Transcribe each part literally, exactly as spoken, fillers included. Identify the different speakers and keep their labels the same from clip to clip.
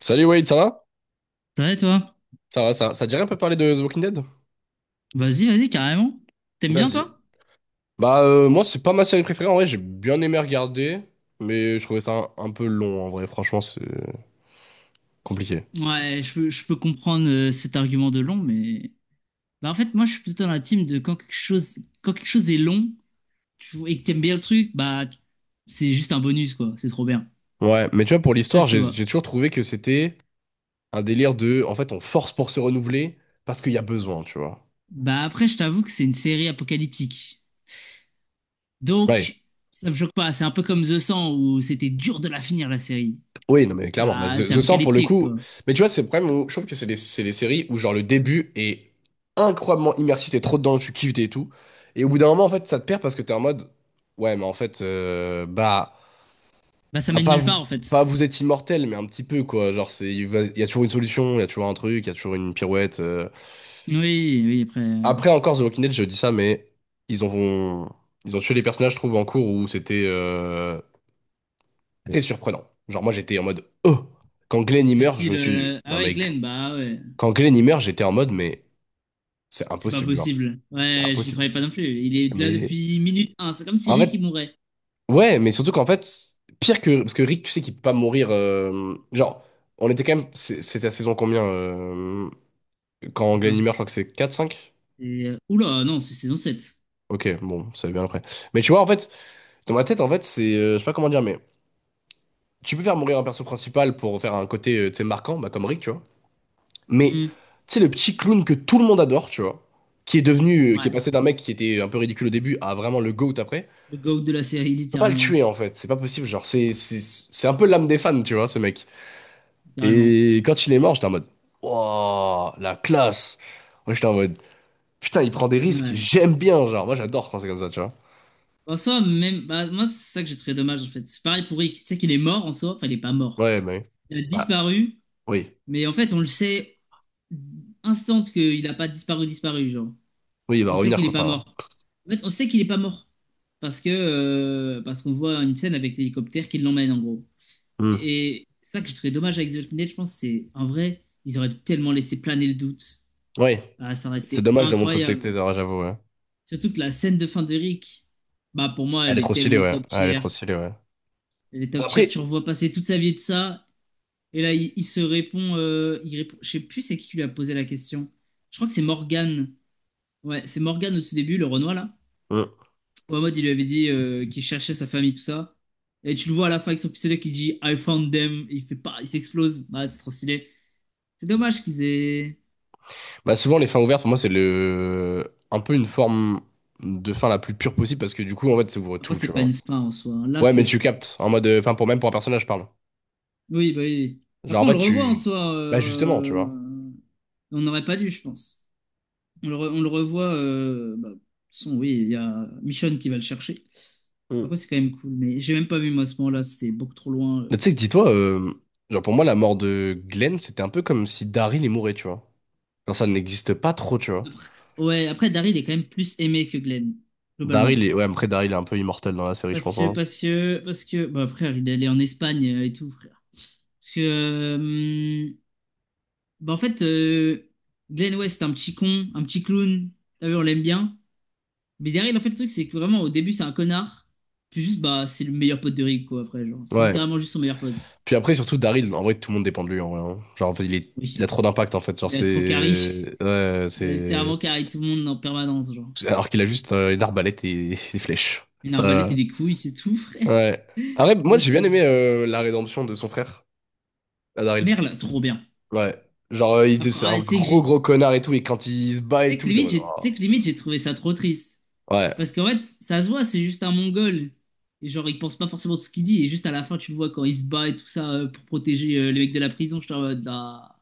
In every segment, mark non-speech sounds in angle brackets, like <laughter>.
Speaker 1: Salut Wade, ça va?
Speaker 2: Ça va, toi?
Speaker 1: Ça va, ça va. Ça te dirait un peu parler de The Walking Dead?
Speaker 2: Vas-y, vas-y, carrément. T'aimes bien,
Speaker 1: Vas-y.
Speaker 2: toi?
Speaker 1: Bah euh, moi c'est pas ma série préférée en vrai, j'ai bien aimé regarder, mais je trouvais ça un, un peu long en vrai, franchement c'est compliqué.
Speaker 2: Ouais, je peux, je peux comprendre euh, cet argument de long, mais... Bah, en fait, moi, je suis plutôt dans la team de quand quelque chose, quand quelque chose est long tu- et que t'aimes bien le truc, bah, c'est juste un bonus, quoi. C'est trop bien.
Speaker 1: Ouais, mais tu vois pour
Speaker 2: Je sais pas
Speaker 1: l'histoire,
Speaker 2: si tu
Speaker 1: j'ai
Speaker 2: vois.
Speaker 1: j'ai toujours trouvé que c'était un délire de en fait on force pour se renouveler parce qu'il y a besoin, tu vois.
Speaker 2: Bah, après, je t'avoue que c'est une série apocalyptique.
Speaker 1: Ouais.
Speaker 2: Donc, ça me choque pas. C'est un peu comme The cent, où c'était dur de la finir, la série.
Speaker 1: Oui, non, mais clairement. Mais
Speaker 2: Bah,
Speaker 1: The,
Speaker 2: c'est
Speaker 1: The cent, pour le
Speaker 2: apocalyptique,
Speaker 1: coup.
Speaker 2: quoi.
Speaker 1: Mais tu vois, c'est le problème où je trouve que c'est des, c'est des séries où, genre, le début est incroyablement immersif. T'es trop dedans, tu kiffes t'es et tout. Et au bout d'un moment, en fait, ça te perd parce que t'es en mode. Ouais, mais en fait, euh, bah.
Speaker 2: Bah, ça
Speaker 1: Ah,
Speaker 2: mène
Speaker 1: Pas
Speaker 2: nulle
Speaker 1: vous,
Speaker 2: part, en fait.
Speaker 1: pas vous êtes immortel, mais un petit peu, quoi. Genre, c'est, il va- il y a toujours une solution, il y a toujours un truc, il y a toujours une pirouette. euh.
Speaker 2: Oui, oui, après... euh,
Speaker 1: Après, encore, The Walking Dead, je dis ça, mais ils ont, ils ont tué les personnages, je trouve, en cours où c'était euh, très surprenant. Genre, moi, j'étais en mode. Oh! Quand Glenn y
Speaker 2: C'est
Speaker 1: meurt, je
Speaker 2: qui
Speaker 1: me
Speaker 2: le...
Speaker 1: suis dit,
Speaker 2: le- Ah
Speaker 1: non
Speaker 2: ouais,
Speaker 1: mais.
Speaker 2: Glenn, bah ouais.
Speaker 1: Quand Glenn y meurt, j'étais en mode, mais c'est
Speaker 2: C'est pas
Speaker 1: impossible, genre.
Speaker 2: possible.
Speaker 1: C'est
Speaker 2: Ouais, j'y
Speaker 1: impossible.
Speaker 2: croyais pas non plus. Il est là
Speaker 1: Mais
Speaker 2: depuis minute un. C'est comme si
Speaker 1: en
Speaker 2: Rick il
Speaker 1: fait,
Speaker 2: mourait.
Speaker 1: ouais, mais surtout qu'en fait, pire que. Parce que Rick, tu sais qu'il peut pas mourir. euh, Genre, on était quand même. c'est- C'était la saison combien, euh, Quand
Speaker 2: Ou
Speaker 1: Glenn y
Speaker 2: quoi.
Speaker 1: meurt, je crois que c'est quatre cinq.
Speaker 2: Et, euh, Oula, non, c'est saison sept.
Speaker 1: Ok, bon, ça va bien après. Mais tu vois, en fait, dans ma tête, en fait, c'est. euh, Je sais pas comment dire, mais tu peux faire mourir un perso principal pour faire un côté, euh, tu sais, marquant, bah, comme Rick, tu vois. Mais,
Speaker 2: Hmm.
Speaker 1: tu sais, le petit clown que tout le monde adore, tu vois, qui est devenu. euh, Qui est
Speaker 2: Ouais,
Speaker 1: passé d'un mec qui était un peu ridicule au début à vraiment le GOAT après.
Speaker 2: le GOAT de la série,
Speaker 1: Peux pas le
Speaker 2: littéralement.
Speaker 1: tuer en fait, c'est pas possible. Genre, c'est c'est c'est un peu l'âme des fans, tu vois, ce mec.
Speaker 2: Littéralement.
Speaker 1: Et quand il est mort, j'étais en mode, wow, la classe. Moi, j'étais en mode, putain, il prend des risques,
Speaker 2: Ouais.
Speaker 1: j'aime bien, genre, moi j'adore quand c'est comme ça, tu vois.
Speaker 2: En soi, même, bah, moi, c'est ça que j'ai trouvé dommage, en fait. C'est pareil pour Rick. Tu sais qu'il est mort en soi. Enfin, il est pas mort.
Speaker 1: Ouais, mais.
Speaker 2: Il a
Speaker 1: Bah,
Speaker 2: disparu.
Speaker 1: oui,
Speaker 2: Mais en fait, on le sait instant qu'il a pas disparu, disparu, genre.
Speaker 1: oui, il va
Speaker 2: On sait
Speaker 1: revenir,
Speaker 2: qu'il est
Speaker 1: quoi,
Speaker 2: pas
Speaker 1: enfin.
Speaker 2: mort. En fait, on sait qu'il est pas mort. Parce que, euh, parce qu'on voit une scène avec l'hélicoptère qui l'emmène, en gros.
Speaker 1: Hmm.
Speaker 2: Et ça que je trouvé dommage avec The Walking Dead, je pense, c'est en vrai, ils auraient tellement laissé planer le doute.
Speaker 1: Oui,
Speaker 2: Ah, ça aurait
Speaker 1: c'est
Speaker 2: été
Speaker 1: dommage de montrer au
Speaker 2: incroyable.
Speaker 1: spectateur, hein, j'avoue, ouais.
Speaker 2: Surtout que la scène de fin de Rick, bah pour moi,
Speaker 1: Elle est
Speaker 2: elle est
Speaker 1: trop stylée,
Speaker 2: tellement
Speaker 1: ouais.
Speaker 2: top
Speaker 1: Ah, Elle est
Speaker 2: tier.
Speaker 1: trop stylée, ouais.
Speaker 2: Elle est
Speaker 1: Bah,
Speaker 2: top tier, tu
Speaker 1: Après,
Speaker 2: revois passer toute sa vie de ça. Et là, il, il se répond, euh, il répond. Je sais plus c'est qui qui lui a posé la question. Je crois que c'est Morgan. Ouais, c'est Morgan au tout début, le Renoir là.
Speaker 1: Hmm.
Speaker 2: Où Ahmad, il lui avait dit euh, qu'il cherchait sa famille, tout ça. Et tu le vois à la fin avec son pistolet qui dit I found them. Il fait pas, il s'explose. Bah, c'est trop stylé. C'est dommage qu'ils aient.
Speaker 1: Bah, souvent, les fins ouvertes, pour moi, c'est le. Un peu une forme de fin la plus pure possible parce que du coup, en fait, ça ouvre
Speaker 2: Après,
Speaker 1: tout, tu
Speaker 2: c'est pas
Speaker 1: vois.
Speaker 2: une fin en soi, hein. Là,
Speaker 1: Ouais, mais
Speaker 2: c'est.
Speaker 1: tu captes, en mode, euh, enfin, pour même pour un personnage, je parle.
Speaker 2: Oui, bah oui.
Speaker 1: Genre, en
Speaker 2: Après, on
Speaker 1: fait,
Speaker 2: le revoit en
Speaker 1: tu.
Speaker 2: soi.
Speaker 1: Bah, justement, tu vois.
Speaker 2: euh, On n'aurait pas dû, je pense. On le, re- on le revoit. Euh, bah, de toute façon, oui, il y a Michonne qui va le chercher. Après,
Speaker 1: Hmm.
Speaker 2: c'est quand même cool. Mais j'ai même pas vu, moi, à ce moment-là. C'était beaucoup trop loin.
Speaker 1: Tu
Speaker 2: euh.
Speaker 1: sais que dis-toi, euh, genre, pour moi, la mort de Glenn, c'était un peu comme si Daryl est mourait, tu vois. Genre, ça n'existe pas trop, tu vois.
Speaker 2: Ouais, après, Daryl est quand même plus aimé que Glenn,
Speaker 1: Daryl
Speaker 2: globalement.
Speaker 1: est. Ouais, après, Daryl est un peu immortel dans la série, je
Speaker 2: Parce
Speaker 1: pense.
Speaker 2: que,
Speaker 1: Hein.
Speaker 2: parce que, parce que, bah, frère, il est allé en Espagne euh, et tout, frère. Parce que, euh, Bah, en fait, euh, Glenn West, c'est un petit con, un petit clown. T'as vu, on l'aime bien. Mais derrière, en fait, le truc, c'est que vraiment, au début, c'est un connard. Puis juste, bah, c'est le meilleur pote de Rick, quoi, après. Genre, c'est
Speaker 1: Ouais.
Speaker 2: littéralement juste son meilleur pote.
Speaker 1: Puis après, surtout, Daryl, en vrai, tout le monde dépend de lui, en vrai. Hein. Genre, en fait, il est... il a
Speaker 2: Oui.
Speaker 1: trop d'impact, en fait. Genre,
Speaker 2: Il a trop carry.
Speaker 1: c'est. Ouais,
Speaker 2: <laughs> Il a
Speaker 1: c'est.
Speaker 2: littéralement carry tout le monde en permanence, genre.
Speaker 1: Alors qu'il a juste euh, une arbalète et <laughs> des flèches.
Speaker 2: Une arbalète et
Speaker 1: Ça.
Speaker 2: des couilles, c'est tout, <laughs> frère.
Speaker 1: Ouais. Après, moi,
Speaker 2: Là,
Speaker 1: j'ai bien aimé
Speaker 2: c'est.
Speaker 1: euh, la rédemption de son frère, à Daryl.
Speaker 2: Merle, trop bien.
Speaker 1: Ouais. Genre, euh, il-
Speaker 2: Après,
Speaker 1: c'est un
Speaker 2: ah, tu sais que
Speaker 1: gros
Speaker 2: j'ai.
Speaker 1: gros connard et tout, et quand il se bat
Speaker 2: Tu
Speaker 1: et
Speaker 2: sais que
Speaker 1: tout, t'es en
Speaker 2: limite,
Speaker 1: mode,
Speaker 2: j'ai tu
Speaker 1: oh.
Speaker 2: sais que limite, j'ai trouvé ça trop triste.
Speaker 1: Ouais.
Speaker 2: Parce qu'en fait, ça se voit, c'est juste un Mongol. Et genre, il pense pas forcément de ce qu'il dit. Et juste à la fin, tu le vois quand il se bat et tout ça euh, pour protéger euh, les mecs de la prison. Je suis en mode, ah,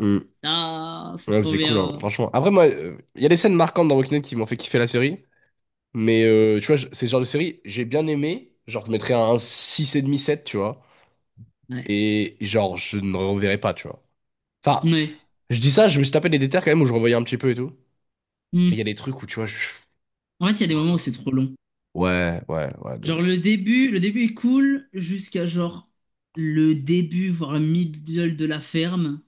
Speaker 1: Mm.
Speaker 2: ah, c'est
Speaker 1: Ouais,
Speaker 2: trop
Speaker 1: c'est cool, hein,
Speaker 2: bien.
Speaker 1: franchement. Après, moi, euh, il y a des scènes marquantes dans Walking Dead qui m'ont fait kiffer la série, mais euh, tu vois, je- c'est le genre de série, j'ai bien aimé, genre, je mettrais un 65 sept tu vois,
Speaker 2: Ouais.
Speaker 1: et genre, je ne reverrai pas, tu vois. Enfin,
Speaker 2: Ouais.
Speaker 1: je dis ça, je me suis tapé des détails quand même où je revoyais un petit peu et tout,
Speaker 2: Hmm.
Speaker 1: mais il y a des trucs où, tu vois. je...
Speaker 2: En fait, il y a des moments où c'est trop long.
Speaker 1: Ouais, ouais, ouais, de
Speaker 2: Genre,
Speaker 1: ouf.
Speaker 2: le début, le début est cool jusqu'à genre le début, voire le middle de la ferme.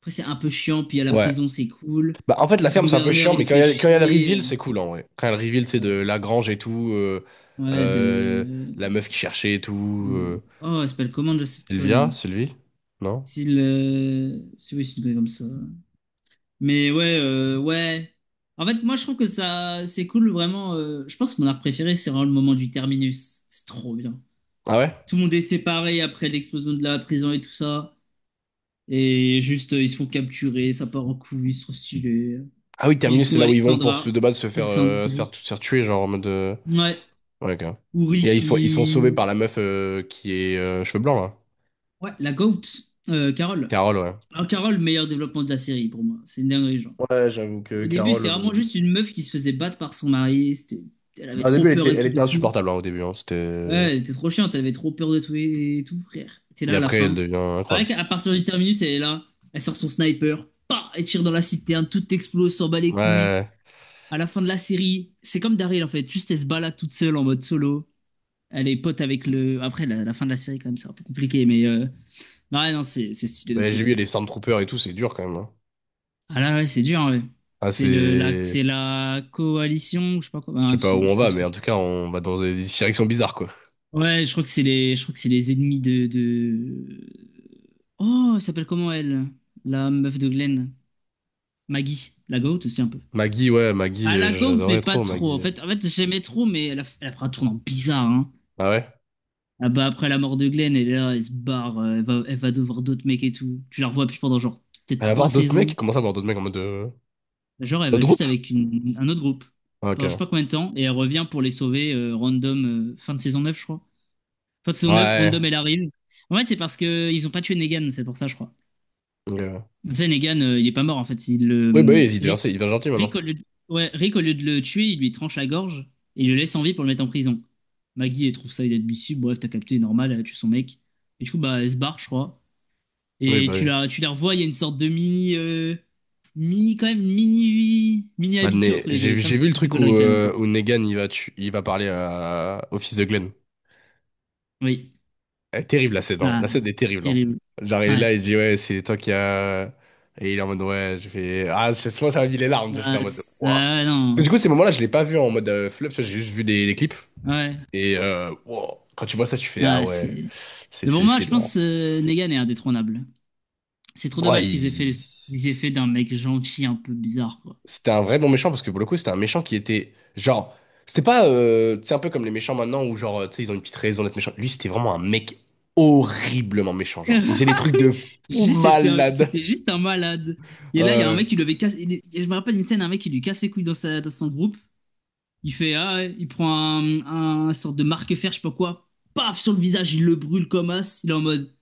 Speaker 2: Après, c'est un peu chiant. Puis à la
Speaker 1: Ouais.
Speaker 2: prison, c'est cool.
Speaker 1: Bah, en fait, la
Speaker 2: Puis le
Speaker 1: ferme, c'est un peu
Speaker 2: gouverneur,
Speaker 1: chiant,
Speaker 2: il
Speaker 1: mais
Speaker 2: nous
Speaker 1: quand il y
Speaker 2: fait
Speaker 1: a, quand il y a le reveal,
Speaker 2: chier.
Speaker 1: c'est cool, en vrai. Quand il y a le reveal, c'est de
Speaker 2: Ouais.
Speaker 1: la grange et tout, euh,
Speaker 2: Ouais,
Speaker 1: euh,
Speaker 2: de.
Speaker 1: la meuf qui cherchait et tout.
Speaker 2: de...
Speaker 1: euh,
Speaker 2: Oh, elle s'appelle comment, déjà, cette
Speaker 1: Sylvia?
Speaker 2: conne?
Speaker 1: Sylvie? Non?
Speaker 2: S'il, euh, si oui, s'il connaît comme ça. Mais ouais, euh, ouais. En fait, moi, je trouve que ça, c'est cool, vraiment. euh, je pense que mon art préféré, c'est vraiment le moment du terminus. C'est trop bien.
Speaker 1: Ah ouais?
Speaker 2: Tout le monde est séparé après l'explosion de la prison et tout ça. Et juste, euh, ils se font capturer, ça part en couille, c'est trop stylé.
Speaker 1: Ah oui,
Speaker 2: Puis ils
Speaker 1: Terminus, c'est
Speaker 2: trouvent
Speaker 1: là où ils vont pour se,
Speaker 2: Alexandra.
Speaker 1: de base se faire, euh, se faire,
Speaker 2: Alexandrie.
Speaker 1: se faire tuer, genre en mode. euh,
Speaker 2: Ouais.
Speaker 1: Ouais, ok.
Speaker 2: Ou
Speaker 1: Et ils sont, ils sont sauvés par
Speaker 2: Ricky.
Speaker 1: la meuf euh, qui est euh, cheveux blancs, là.
Speaker 2: Ouais, la GOAT. Euh, Carole.
Speaker 1: Carole, ouais.
Speaker 2: Alors, Carole, meilleur développement de la série pour moi. C'est une dinguerie, genre.
Speaker 1: Ouais, j'avoue que
Speaker 2: Au début,
Speaker 1: Carole.
Speaker 2: c'était vraiment
Speaker 1: Euh,
Speaker 2: juste une meuf qui se faisait battre par son mari. C'était- Elle avait
Speaker 1: bah, au
Speaker 2: trop
Speaker 1: début, elle
Speaker 2: peur
Speaker 1: était,
Speaker 2: et
Speaker 1: elle
Speaker 2: tout
Speaker 1: était
Speaker 2: de tout.
Speaker 1: insupportable, hein, au début. Hein, c'était...
Speaker 2: Ouais,
Speaker 1: euh,
Speaker 2: elle était trop chiante, elle avait trop peur de tout et tout, frère. T'es
Speaker 1: Et
Speaker 2: là à la
Speaker 1: après, elle
Speaker 2: fin.
Speaker 1: devient
Speaker 2: Pareil
Speaker 1: incroyable.
Speaker 2: qu'à partir du terminus, elle est là. Elle sort son sniper. Pas, elle tire dans la citerne, tout explose, s'en bat
Speaker 1: Ouais,
Speaker 2: les
Speaker 1: ouais,
Speaker 2: couilles.
Speaker 1: ouais.
Speaker 2: À la fin de la série, c'est comme Daryl en fait. Juste elle se balade toute seule en mode solo. Elle est pote avec le. Après, la, la fin de la série, quand même, c'est un peu compliqué, mais. euh, Non, Ouais, non, c'est c'est stylé de
Speaker 1: Bah, j'ai
Speaker 2: fou.
Speaker 1: vu, les Stormtroopers et tout, c'est dur quand même. Hein.
Speaker 2: Ah là, ouais, c'est dur, hein, ouais.
Speaker 1: Ah,
Speaker 2: C'est le, la,
Speaker 1: c'est...
Speaker 2: c'est la coalition, je sais pas quoi.
Speaker 1: Je sais
Speaker 2: Bah,
Speaker 1: pas où
Speaker 2: je je
Speaker 1: on
Speaker 2: sais pas
Speaker 1: va,
Speaker 2: ce
Speaker 1: mais
Speaker 2: que
Speaker 1: en tout
Speaker 2: c'est.
Speaker 1: cas, on va dans des directions bizarres, quoi.
Speaker 2: Ouais, je crois que c'est les, je crois que c'est les ennemis de, de... Oh, elle s'appelle comment elle? La meuf de Glenn. Maggie. La goat aussi un peu.
Speaker 1: Maggie, ouais, Maggie,
Speaker 2: Ah,
Speaker 1: euh,
Speaker 2: la goat, mais
Speaker 1: j'adorais
Speaker 2: pas
Speaker 1: trop,
Speaker 2: trop. En
Speaker 1: Maggie.
Speaker 2: fait, en fait, j'aimais trop, mais elle a, elle a pris un tournant bizarre, hein.
Speaker 1: Ah ouais?
Speaker 2: Ah bah, après la mort de Glenn, elle est là, elle se barre, euh, elle va, elle va devoir d'autres mecs et tout. Tu la revois plus pendant genre peut-être
Speaker 1: Elle va
Speaker 2: trois
Speaker 1: voir d'autres
Speaker 2: saisons.
Speaker 1: mecs? Comment ça, voir d'autres mecs en mode. euh,
Speaker 2: Genre, elle va
Speaker 1: Notre
Speaker 2: juste
Speaker 1: groupe?
Speaker 2: avec une, un autre groupe.
Speaker 1: Ah,
Speaker 2: Pendant je sais
Speaker 1: ok.
Speaker 2: pas combien de temps, et elle revient pour les sauver euh, random, euh, fin de saison neuf je crois. Fin de saison neuf random,
Speaker 1: Ouais.
Speaker 2: elle arrive. En fait, c'est parce que ils ont pas tué Negan, c'est pour ça, je crois.
Speaker 1: Ok.
Speaker 2: Tu sais, Negan, euh, il est pas mort en fait. Il, le
Speaker 1: Oui, bah oui, il devient, il
Speaker 2: Rick,
Speaker 1: devient gentil, maintenant.
Speaker 2: Rick, au lieu de, ouais, Rick, au lieu de le tuer, il lui tranche la gorge et il le laisse en vie pour le mettre en prison. Maggie, elle trouve ça inadmissible. Bref, t'as capté, normal, elle a tué son mec. Et du coup, bah, elle se barre, je crois.
Speaker 1: Oui,
Speaker 2: Et
Speaker 1: bah
Speaker 2: tu
Speaker 1: oui.
Speaker 2: la, tu la revois, il y a une sorte de mini. euh, Mini, quand même, mini. Mini
Speaker 1: Bah,
Speaker 2: amitié
Speaker 1: Ne-
Speaker 2: entre les deux.
Speaker 1: j'ai
Speaker 2: Ça, me
Speaker 1: j'ai vu
Speaker 2: fait,
Speaker 1: le
Speaker 2: ça fait
Speaker 1: truc où,
Speaker 2: gaulerie quand même un
Speaker 1: euh,
Speaker 2: peu.
Speaker 1: où Negan, il va, tu- il va parler à... au fils de Glenn.
Speaker 2: Oui.
Speaker 1: Elle est terrible la scène, hein.
Speaker 2: Ah,
Speaker 1: La scène est terrible, hein.
Speaker 2: terrible.
Speaker 1: Genre, il est
Speaker 2: Ouais.
Speaker 1: là, il dit, ouais, c'est toi qui a. Et il est en mode, ouais, je fais... Ah, c'est moi, ça m'a mis les larmes, j'étais
Speaker 2: Ah,
Speaker 1: en mode, waouh.
Speaker 2: ça, non.
Speaker 1: Du coup, ces moments-là, je l'ai pas vu en mode euh, fluff, j'ai juste vu des, des clips.
Speaker 2: Ouais.
Speaker 1: Et euh, wow. Quand tu vois ça, tu fais, ah
Speaker 2: Ah,
Speaker 1: ouais,
Speaker 2: c'est.
Speaker 1: c'est
Speaker 2: Mais pour
Speaker 1: c'est
Speaker 2: moi,
Speaker 1: c'est
Speaker 2: je pense
Speaker 1: lourd.
Speaker 2: que Negan est indétrônable. C'est trop
Speaker 1: Ouais,
Speaker 2: dommage qu'ils aient fait,
Speaker 1: il-
Speaker 2: qu'ils aient fait d'un mec gentil un peu bizarre, quoi.
Speaker 1: c'était un vrai bon méchant, parce que pour le coup, c'était un méchant qui était, genre. C'était pas, euh, tu sais, un peu comme les méchants maintenant, où genre, euh, tu sais, ils ont une petite raison d'être méchants. Lui, c'était vraiment un mec horriblement méchant,
Speaker 2: <laughs>
Speaker 1: genre. Il faisait des
Speaker 2: Ah
Speaker 1: trucs
Speaker 2: oui,
Speaker 1: de fou
Speaker 2: J, c'était un-
Speaker 1: malade.
Speaker 2: c'était juste un malade. Et là, il y a un
Speaker 1: Ouais.
Speaker 2: mec qui lui avait cassé. il- il- Je me rappelle d'une scène, un mec qui lui casse les couilles dans, sa, dans son groupe. Il fait, ah, ouais, il prend un, un sorte de marque-fer, je sais pas quoi. Paf, sur le visage, il le brûle comme as. Il est en mode,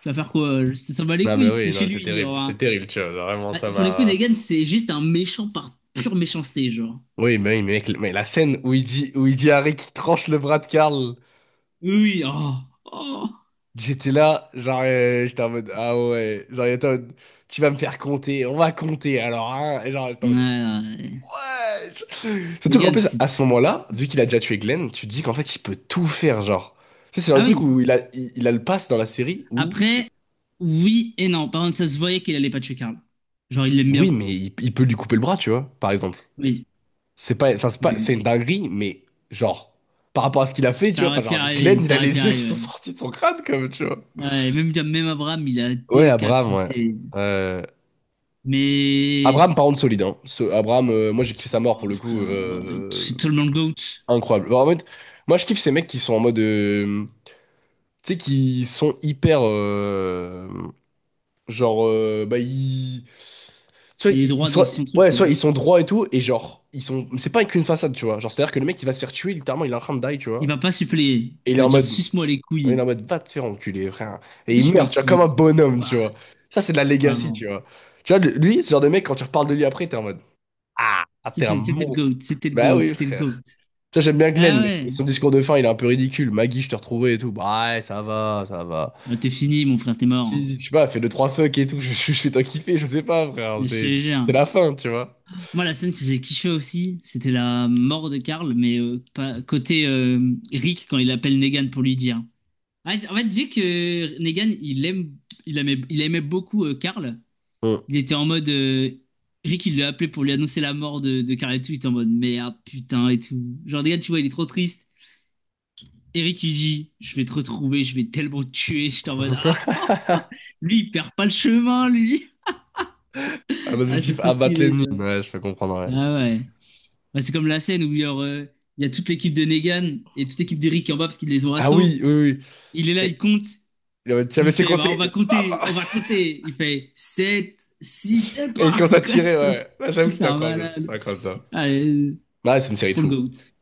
Speaker 2: tu vas faire quoi? Ça s'en bat les
Speaker 1: Non mais
Speaker 2: couilles,
Speaker 1: oui,
Speaker 2: c'est chez
Speaker 1: non, c'est
Speaker 2: lui,
Speaker 1: terrible,
Speaker 2: genre,
Speaker 1: c'est
Speaker 2: hein.
Speaker 1: terrible, tu vois, genre, vraiment
Speaker 2: Ah,
Speaker 1: ça
Speaker 2: Pour le coup,
Speaker 1: m'a.
Speaker 2: Negan, c'est juste un méchant par pure méchanceté, genre.
Speaker 1: Oui, mais oui, mec, mais la scène où il dit, où il dit à Rick qu'il tranche le bras de Carl,
Speaker 2: Oui, oui, oh, oh.
Speaker 1: j'étais là, genre, euh, j'étais en mode, ah ouais, genre, il était en mode, tu vas me faire compter, on va compter, alors, hein, et genre, j'étais en
Speaker 2: Ouais,
Speaker 1: mode.
Speaker 2: ouais, ouais.
Speaker 1: Surtout qu'en
Speaker 2: Negan,
Speaker 1: plus,
Speaker 2: c'est.
Speaker 1: à ce moment-là, vu qu'il a déjà tué Glenn, tu te dis qu'en fait, il peut tout faire, genre. Tu sais, c'est un
Speaker 2: Ah
Speaker 1: truc
Speaker 2: oui.
Speaker 1: où il a, il, il a le pass dans la série où,
Speaker 2: Après, Oui et non. Par contre, ça se voyait qu'il allait pas tuer Karl. Genre, il l'aime bien.
Speaker 1: oui, mais il, il peut lui couper le bras, tu vois, par exemple.
Speaker 2: Oui.
Speaker 1: C'est pas, enfin, c'est
Speaker 2: Oui,
Speaker 1: pas, c'est
Speaker 2: oui.
Speaker 1: une dinguerie, mais genre, par rapport à ce qu'il a fait, tu
Speaker 2: Ça
Speaker 1: vois, enfin,
Speaker 2: aurait pu
Speaker 1: genre,
Speaker 2: arriver.
Speaker 1: Glenn, il
Speaker 2: Ça
Speaker 1: a
Speaker 2: aurait pu
Speaker 1: les yeux qui sont
Speaker 2: arriver.
Speaker 1: sortis de son crâne, comme, tu vois.
Speaker 2: Ouais, Ouais, même, même Abraham, il a
Speaker 1: Ouais, Abraham, ouais.
Speaker 2: décapité.
Speaker 1: Euh,
Speaker 2: Mais.
Speaker 1: Abraham, par contre, solide, hein. Ce, Abraham, euh, moi, j'ai kiffé sa mort, pour
Speaker 2: Ouah,
Speaker 1: le coup,
Speaker 2: frère, euh,
Speaker 1: euh,
Speaker 2: c'est tellement le GOAT.
Speaker 1: incroyable. Bon, en fait, moi, je kiffe ces mecs qui sont en mode, euh, tu sais, qui sont hyper, euh, genre, euh, bah, ils. Soit
Speaker 2: Il est
Speaker 1: ils ils
Speaker 2: droit dans
Speaker 1: sont,
Speaker 2: son truc,
Speaker 1: ouais,
Speaker 2: quoi.
Speaker 1: soit ils sont droits et tout, et genre, ils sont, c'est pas qu'une façade, tu vois. Genre, c'est-à-dire que le mec, il va se faire tuer, littéralement, il est en train de die, tu
Speaker 2: Il
Speaker 1: vois.
Speaker 2: va pas suppléer.
Speaker 1: Et il est
Speaker 2: Il va
Speaker 1: en
Speaker 2: dire,
Speaker 1: mode,
Speaker 2: suce-moi les
Speaker 1: On est
Speaker 2: couilles.
Speaker 1: en mode, va te faire enculer, frère. Et il
Speaker 2: Lâche
Speaker 1: meurt,
Speaker 2: mes
Speaker 1: tu vois, comme un
Speaker 2: couilles.
Speaker 1: bonhomme, tu
Speaker 2: Bah,
Speaker 1: vois. Ça, c'est de la legacy,
Speaker 2: vraiment.
Speaker 1: tu vois. Tu vois, le- lui, ce genre de mec, quand tu reparles de lui après, t'es en mode, ah, ah, t'es un
Speaker 2: C'était c'était le
Speaker 1: monstre.
Speaker 2: GOAT. C'était le
Speaker 1: Bah
Speaker 2: GOAT.
Speaker 1: oui,
Speaker 2: C'était le GOAT.
Speaker 1: frère. Tu vois, j'aime bien Glenn,
Speaker 2: Ah
Speaker 1: mais son
Speaker 2: ouais.
Speaker 1: son discours de fin, il est un peu ridicule. Maggie, je te retrouvais et tout. Bah ouais, ça va, ça va.
Speaker 2: Bah, t'es fini, mon frère. T'es mort, hein.
Speaker 1: Qui- Je sais pas, fait deux, trois fuck et tout. <laughs> Je, je, je fais t'en kiffer, je sais pas, frère.
Speaker 2: Je
Speaker 1: T'es-
Speaker 2: te
Speaker 1: C'était
Speaker 2: jure.
Speaker 1: la fin, tu vois.
Speaker 2: Moi, la scène que j'ai kiffé aussi, c'était la mort de Karl, mais euh, pas, côté euh, Rick quand il appelle Negan pour lui dire. En fait, en fait, vu que Negan, il aime, il aimait, il aimait beaucoup euh, Karl,
Speaker 1: Hmm.
Speaker 2: il était en mode. euh, Rick, il lui a appelé pour lui annoncer la mort de, de Karl et tout, il était en mode merde, putain et tout. Genre, Negan, tu vois, il est trop triste. Et Rick, il dit, je vais te retrouver, je vais tellement te tuer. J'étais en mode, ah,
Speaker 1: <laughs>
Speaker 2: <laughs> lui, il perd pas le chemin, lui. <laughs>
Speaker 1: Un
Speaker 2: Ah, c'est
Speaker 1: objectif
Speaker 2: trop
Speaker 1: abattre
Speaker 2: stylé,
Speaker 1: l'ennemi.
Speaker 2: ça.
Speaker 1: Ouais, je peux comprendre, ouais.
Speaker 2: Ah ouais. Bah, c'est comme la scène où il y a, euh, il y a toute l'équipe de Negan et toute l'équipe d'Eric qui est en bas parce qu'ils les ont
Speaker 1: Ah oui,
Speaker 2: assaut.
Speaker 1: oui, oui.
Speaker 2: Il est là, il
Speaker 1: Et,
Speaker 2: compte.
Speaker 1: il est en mode, tu as
Speaker 2: Il
Speaker 1: laissé
Speaker 2: fait, bah, on
Speaker 1: compter. Et
Speaker 2: va compter,
Speaker 1: bam.
Speaker 2: on va compter. Il fait sept, six, c'est
Speaker 1: Et
Speaker 2: pas.
Speaker 1: il commence à
Speaker 2: <laughs> Quoi,
Speaker 1: tirer,
Speaker 2: ça-
Speaker 1: ouais. Là, j'avoue,
Speaker 2: c'est
Speaker 1: c'était
Speaker 2: un
Speaker 1: incroyable.
Speaker 2: malade.
Speaker 1: C'était incroyable ça.
Speaker 2: Allez,
Speaker 1: Ouais, c'est une
Speaker 2: c'est
Speaker 1: série de
Speaker 2: trop le
Speaker 1: fous.
Speaker 2: GOAT.